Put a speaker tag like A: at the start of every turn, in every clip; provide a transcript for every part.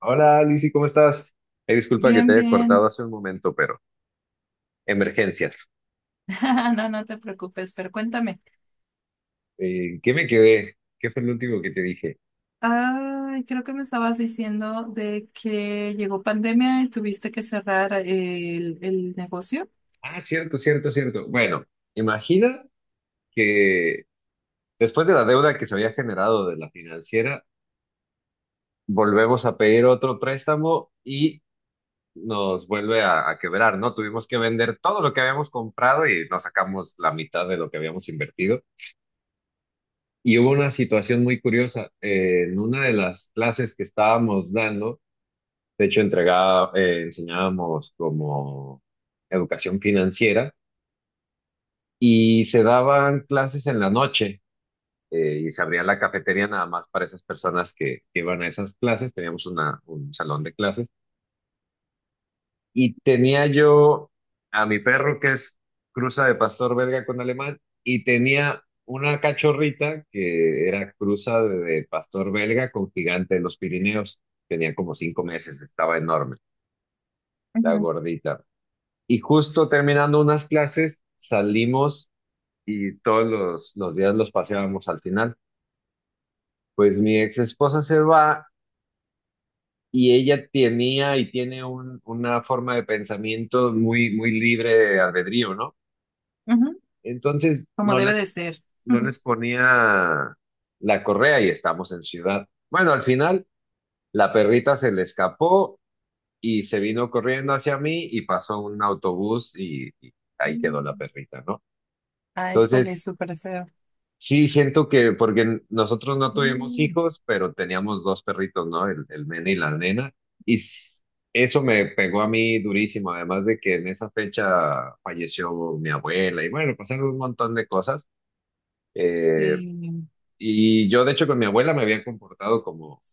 A: Hola, Lizzy, ¿cómo estás? Disculpa que te
B: Bien,
A: haya cortado
B: bien.
A: hace un momento, pero emergencias.
B: No, no te preocupes, pero cuéntame.
A: ¿Qué me quedé? ¿Qué fue el último que te dije?
B: Ay, creo que me estabas diciendo de que llegó pandemia y tuviste que cerrar el negocio.
A: Ah, cierto, cierto, cierto. Bueno, imagina que después de la deuda que se había generado de la financiera, volvemos a pedir otro préstamo y nos vuelve a quebrar, ¿no? Tuvimos que vender todo lo que habíamos comprado y nos sacamos la mitad de lo que habíamos invertido. Y hubo una situación muy curiosa. En una de las clases que estábamos dando, de hecho, entregaba, enseñábamos como educación financiera y se daban clases en la noche, y se abría la cafetería nada más para esas personas que iban a esas clases. Teníamos una, un salón de clases y tenía yo a mi perro que es cruza de pastor belga con alemán y tenía una cachorrita que era cruza de pastor belga con gigante de los Pirineos. Tenía como 5 meses, estaba enorme, la gordita. Y justo terminando unas clases, salimos y todos los días los paseábamos al final. Pues mi ex esposa se va y ella tenía y tiene una forma de pensamiento muy, muy libre de albedrío, ¿no?
B: Ujú.
A: Entonces
B: Como
A: no
B: debe
A: les,
B: de ser.
A: no
B: Ujú.
A: les ponía la correa y estamos en ciudad. Bueno, al final la perrita se le escapó y se vino corriendo hacia mí y pasó un autobús y ahí quedó la
B: Mm.
A: perrita, ¿no?
B: Ay, jole,
A: Entonces,
B: súper feo.
A: sí, siento que porque nosotros no tuvimos
B: Mm.
A: hijos, pero teníamos dos perritos, ¿no? El nene y la nena. Y s- Eso me pegó a mí durísimo, además de que en esa fecha falleció mi abuela y bueno, pasaron un montón de cosas. Eh,
B: Sí.
A: y yo, de hecho, con mi abuela me había comportado como,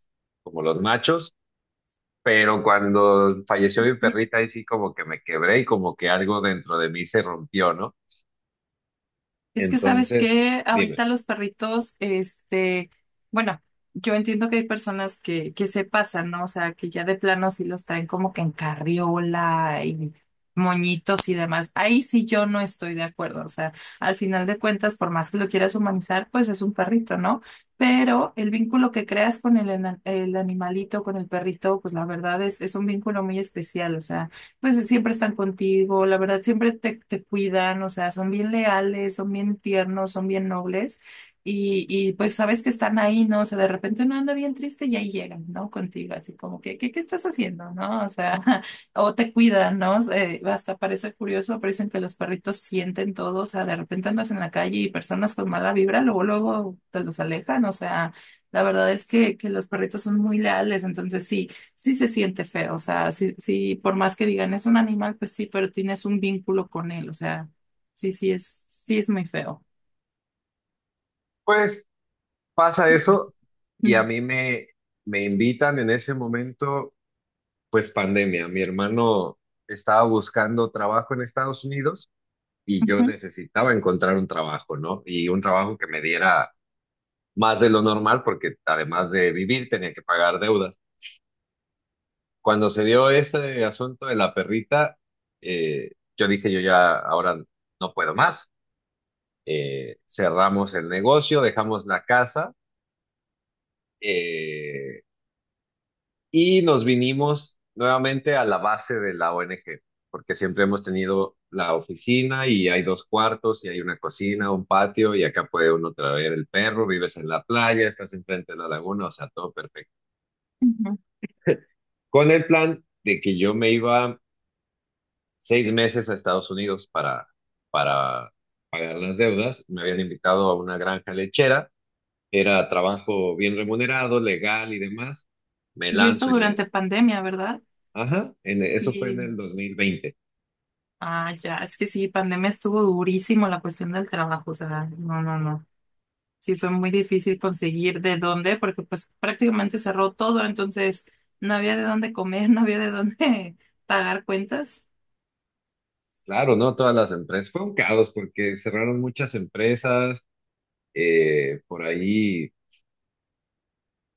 A: como los machos, pero cuando falleció mi perrita, ahí sí como que me quebré y como que algo dentro de mí se rompió, ¿no?
B: Es que sabes
A: Entonces,
B: que
A: dime.
B: ahorita los perritos, este, bueno, yo entiendo que hay personas que se pasan, ¿no? O sea, que ya de plano sí los traen como que en carriola y moñitos y demás. Ahí sí yo no estoy de acuerdo. O sea, al final de cuentas, por más que lo quieras humanizar, pues es un perrito, ¿no? Pero el vínculo que creas con el animalito, con el perrito, pues la verdad es un vínculo muy especial. O sea, pues siempre están contigo, la verdad, siempre te cuidan, o sea, son bien leales, son bien tiernos, son bien nobles y pues sabes que están ahí, ¿no? O sea, de repente uno anda bien triste y ahí llegan, ¿no? Contigo, así como que, ¿qué estás haciendo? ¿No? O sea, o te cuidan, ¿no? Hasta parece curioso, parecen que los perritos sienten todo, o sea, de repente andas en la calle y personas con mala vibra, luego, luego te los alejan, o sea, la verdad es que los perritos son muy leales, entonces sí se siente feo, o sea, sí, sí, por más que digan es un animal, pues sí, pero tienes un vínculo con él, o sea, sí, sí es muy feo.
A: Pues pasa eso y a
B: Ujú,
A: mí me invitan en ese momento, pues pandemia. Mi hermano estaba buscando trabajo en Estados Unidos y yo necesitaba encontrar un trabajo, ¿no? Y un trabajo que me diera más de lo normal porque además de vivir tenía que pagar deudas. Cuando se dio ese asunto de la perrita, eh, yo dije, yo ya ahora no puedo más. Cerramos el negocio, dejamos la casa, eh, y nos vinimos nuevamente a la base de la ONG, porque siempre hemos tenido la oficina y hay 2 cuartos y hay una cocina, un patio y acá puede uno traer el perro, vives en la playa, estás enfrente de la laguna, o sea, todo perfecto.
B: ujú.
A: Con el plan de que yo me iba 6 meses a Estados Unidos para pagar las deudas, me habían invitado a una granja lechera, era trabajo bien remunerado, legal y demás. Me
B: Y esto
A: lanzo y le...
B: durante pandemia, ¿verdad?
A: Ajá, eso fue en el
B: Sí,
A: 2020.
B: ah, ya, es que sí, pandemia estuvo durísimo la cuestión del trabajo, o sea, no, no, no. Sí, fue muy difícil conseguir de dónde, porque pues prácticamente cerró todo, entonces no había de dónde comer, no había de dónde pagar cuentas.
A: Claro, no todas las empresas. Fue un caos porque cerraron muchas empresas. Por ahí,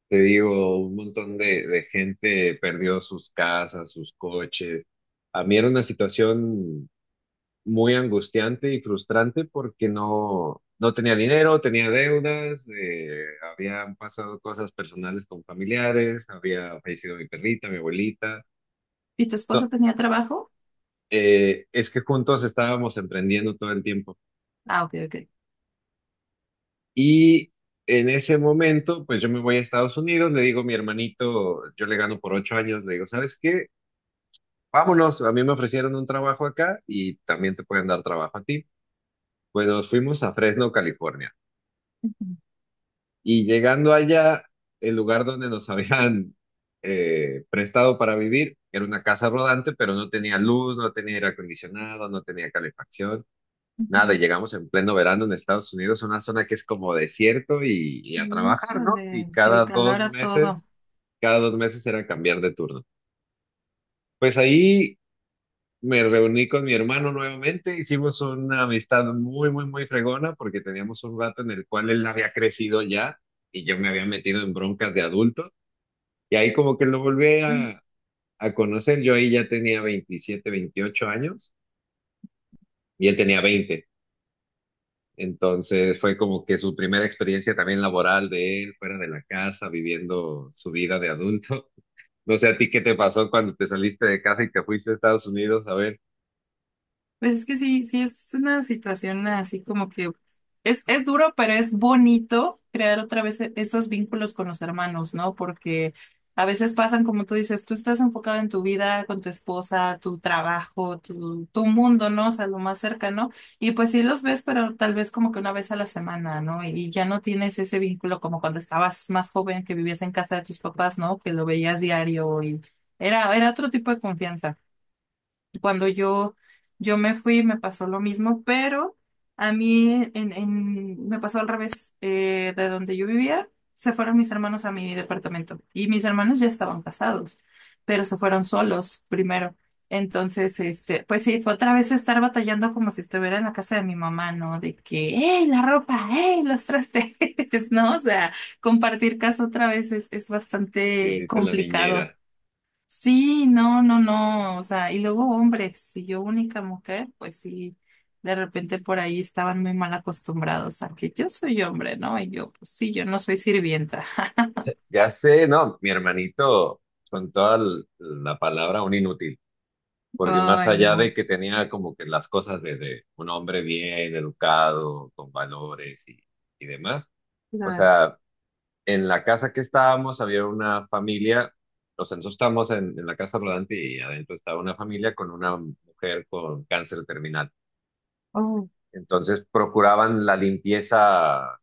A: te digo, un montón de gente perdió sus casas, sus coches. A mí era una situación muy angustiante y frustrante porque no, no tenía dinero, tenía deudas, habían pasado cosas personales con familiares, había fallecido mi perrita, mi abuelita.
B: ¿Y tu
A: No,
B: esposo tenía trabajo?
A: es que juntos estábamos emprendiendo todo el tiempo.
B: Ah, ok, ok.
A: Y en ese momento, pues yo me voy a Estados Unidos, le digo a mi hermanito, yo le gano por 8 años, le digo, ¿sabes qué? Vámonos, a mí me ofrecieron un trabajo acá y también te pueden dar trabajo a ti. Pues nos fuimos a Fresno, California. Y llegando allá, el lugar donde nos habían, prestado para vivir era una casa rodante, pero no tenía luz, no tenía aire acondicionado, no tenía calefacción.
B: Ujú.
A: Nada, y llegamos en pleno verano en Estados Unidos, una zona que es como desierto y a trabajar, ¿no? Y
B: Híjole, el
A: cada
B: calor
A: dos
B: a todo.
A: meses, cada 2 meses era cambiar de turno. Pues ahí me reuní con mi hermano nuevamente, hicimos una amistad muy, muy, muy fregona porque teníamos un rato en el cual él había crecido ya y yo me había metido en broncas de adulto. Y ahí como que lo volví a conocer, yo ahí ya tenía 27, 28 años y él tenía 20. Entonces fue como que su primera experiencia también laboral de él, fuera de la casa, viviendo su vida de adulto. No sé a ti qué te pasó cuando te saliste de casa y te fuiste a Estados Unidos a ver
B: Pues es que sí, sí es una situación así como que es duro, pero es bonito crear otra vez esos vínculos con los hermanos, ¿no? Porque a veces pasan, como tú dices, tú estás enfocado en tu vida, con tu esposa, tu trabajo, tu mundo, ¿no? O sea, lo más cercano. Y pues sí los ves, pero tal vez como que una vez a la semana, ¿no? Y ya no tienes ese vínculo como cuando estabas más joven, que vivías en casa de tus papás, ¿no? Que lo veías diario y era otro tipo de confianza. Cuando yo me fui, me pasó lo mismo, pero a mí me pasó al revés. De donde yo vivía, se fueron mis hermanos a mi departamento y mis hermanos ya estaban casados, pero se fueron solos primero. Entonces, este, pues sí, fue otra vez estar batallando como si estuviera en la casa de mi mamá, ¿no? De que, ¡hey, la ropa! ¡Hey, los trastes! ¿No? O sea, compartir casa otra vez es
A: si
B: bastante
A: hiciste la
B: complicado.
A: niñera.
B: Sí, no, no, no, o sea, y luego hombres, si yo única mujer, pues sí, de repente por ahí estaban muy mal acostumbrados a que yo soy hombre, ¿no? Y yo, pues sí, yo no soy sirvienta.
A: Ya sé, no, mi hermanito, con toda la palabra, un inútil, porque más
B: Ay,
A: allá
B: no,
A: de que tenía como que las cosas de un hombre bien educado, con valores y demás, o
B: claro,
A: sea, en la casa que estábamos había una familia, o sea, nosotros estábamos en la casa rodante y adentro estaba una familia con una mujer con cáncer terminal.
B: oh,
A: Entonces procuraban la limpieza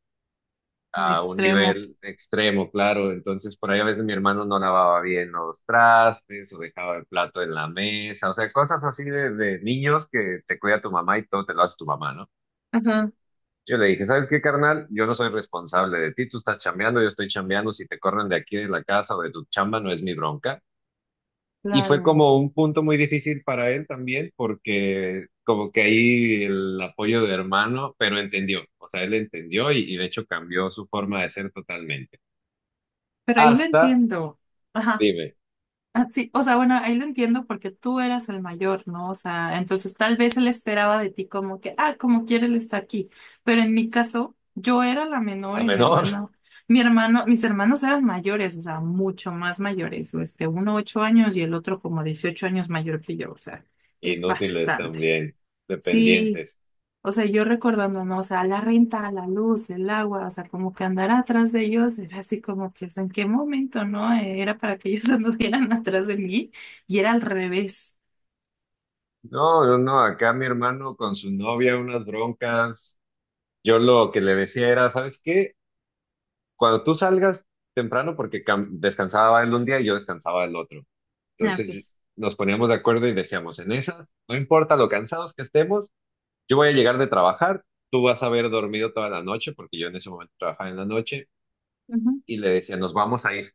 B: un
A: a un
B: extremo,
A: nivel extremo, claro. Entonces por ahí a veces mi hermano no lavaba bien los trastes o dejaba el plato en la mesa, o sea, cosas así de niños que te cuida tu mamá y todo te lo hace tu mamá, ¿no?
B: ajá,
A: Yo le dije, ¿sabes qué, carnal? Yo no soy responsable de ti, tú estás chambeando, yo estoy chambeando, si te corren de aquí de la casa o de tu chamba no es mi bronca. Y fue
B: claro,
A: como un punto muy difícil para él también, porque como que ahí el apoyo de hermano, pero entendió, o sea, él entendió y de hecho cambió su forma de ser totalmente.
B: pero ahí lo
A: Hasta,
B: entiendo, ajá.
A: dime,
B: Ah, sí, o sea, bueno, ahí lo entiendo porque tú eras el mayor, ¿no? O sea, entonces tal vez él esperaba de ti como que, ah, como quiere él está aquí. Pero en mi caso, yo era la
A: la
B: menor y
A: menor,
B: mis hermanos eran mayores, o sea, mucho más mayores, o este, uno 8 años y el otro como 18 años mayor que yo, o sea, es
A: inútiles
B: bastante.
A: también,
B: Sí,
A: dependientes.
B: o sea, yo recordando, no, o sea, la renta, la luz, el agua, o sea, como que andar atrás de ellos era así como que, o sea, ¿en qué momento, no? Era para que ellos anduvieran atrás de mí y era al revés.
A: No, no, no, acá mi hermano con su novia, unas broncas. Yo lo que le decía era, ¿sabes qué? Cuando tú salgas temprano, porque descansaba él un día y yo descansaba el otro.
B: Ah,
A: Entonces
B: ok.
A: yo- Nos poníamos de acuerdo y decíamos, en esas, no importa lo cansados que estemos, yo voy a llegar de trabajar, tú vas a haber dormido toda la noche, porque yo en ese momento trabajaba en la noche,
B: Ujú,
A: y le decía, nos vamos a ir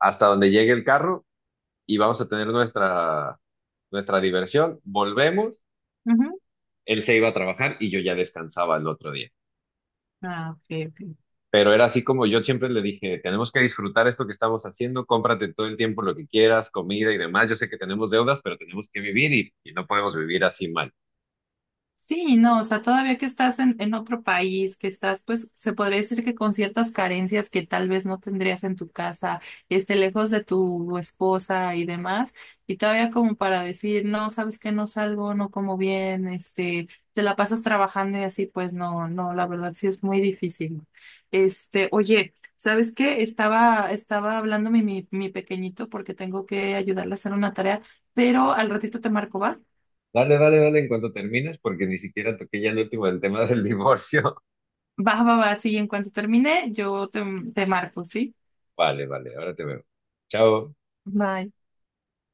A: hasta donde llegue el carro y vamos a tener nuestra, nuestra diversión, volvemos,
B: ujú.
A: él se iba a trabajar y yo ya descansaba el otro día.
B: Ah, ok, ok.
A: Pero era así como yo siempre le dije, tenemos que disfrutar esto que estamos haciendo, cómprate todo el tiempo lo que quieras, comida y demás. Yo sé que tenemos deudas, pero tenemos que vivir y no podemos vivir así mal.
B: Sí, no, o sea, todavía que estás en otro país, que estás, pues, se podría decir que con ciertas carencias que tal vez no tendrías en tu casa, este, lejos de tu esposa y demás, y todavía como para decir, no, sabes que no salgo, no como bien, este, te la pasas trabajando y así, pues no, no, la verdad sí es muy difícil. Este, oye, ¿sabes qué? Estaba hablando mi pequeñito porque tengo que ayudarle a hacer una tarea, pero al ratito te marco, ¿va?
A: Dale, dale, dale en cuanto termines, porque ni siquiera toqué ya el último, el tema del divorcio.
B: Va, va, va, sí, en cuanto termine, yo te marco, ¿sí?
A: Vale, vale, ahora te veo. Chao.
B: Bye.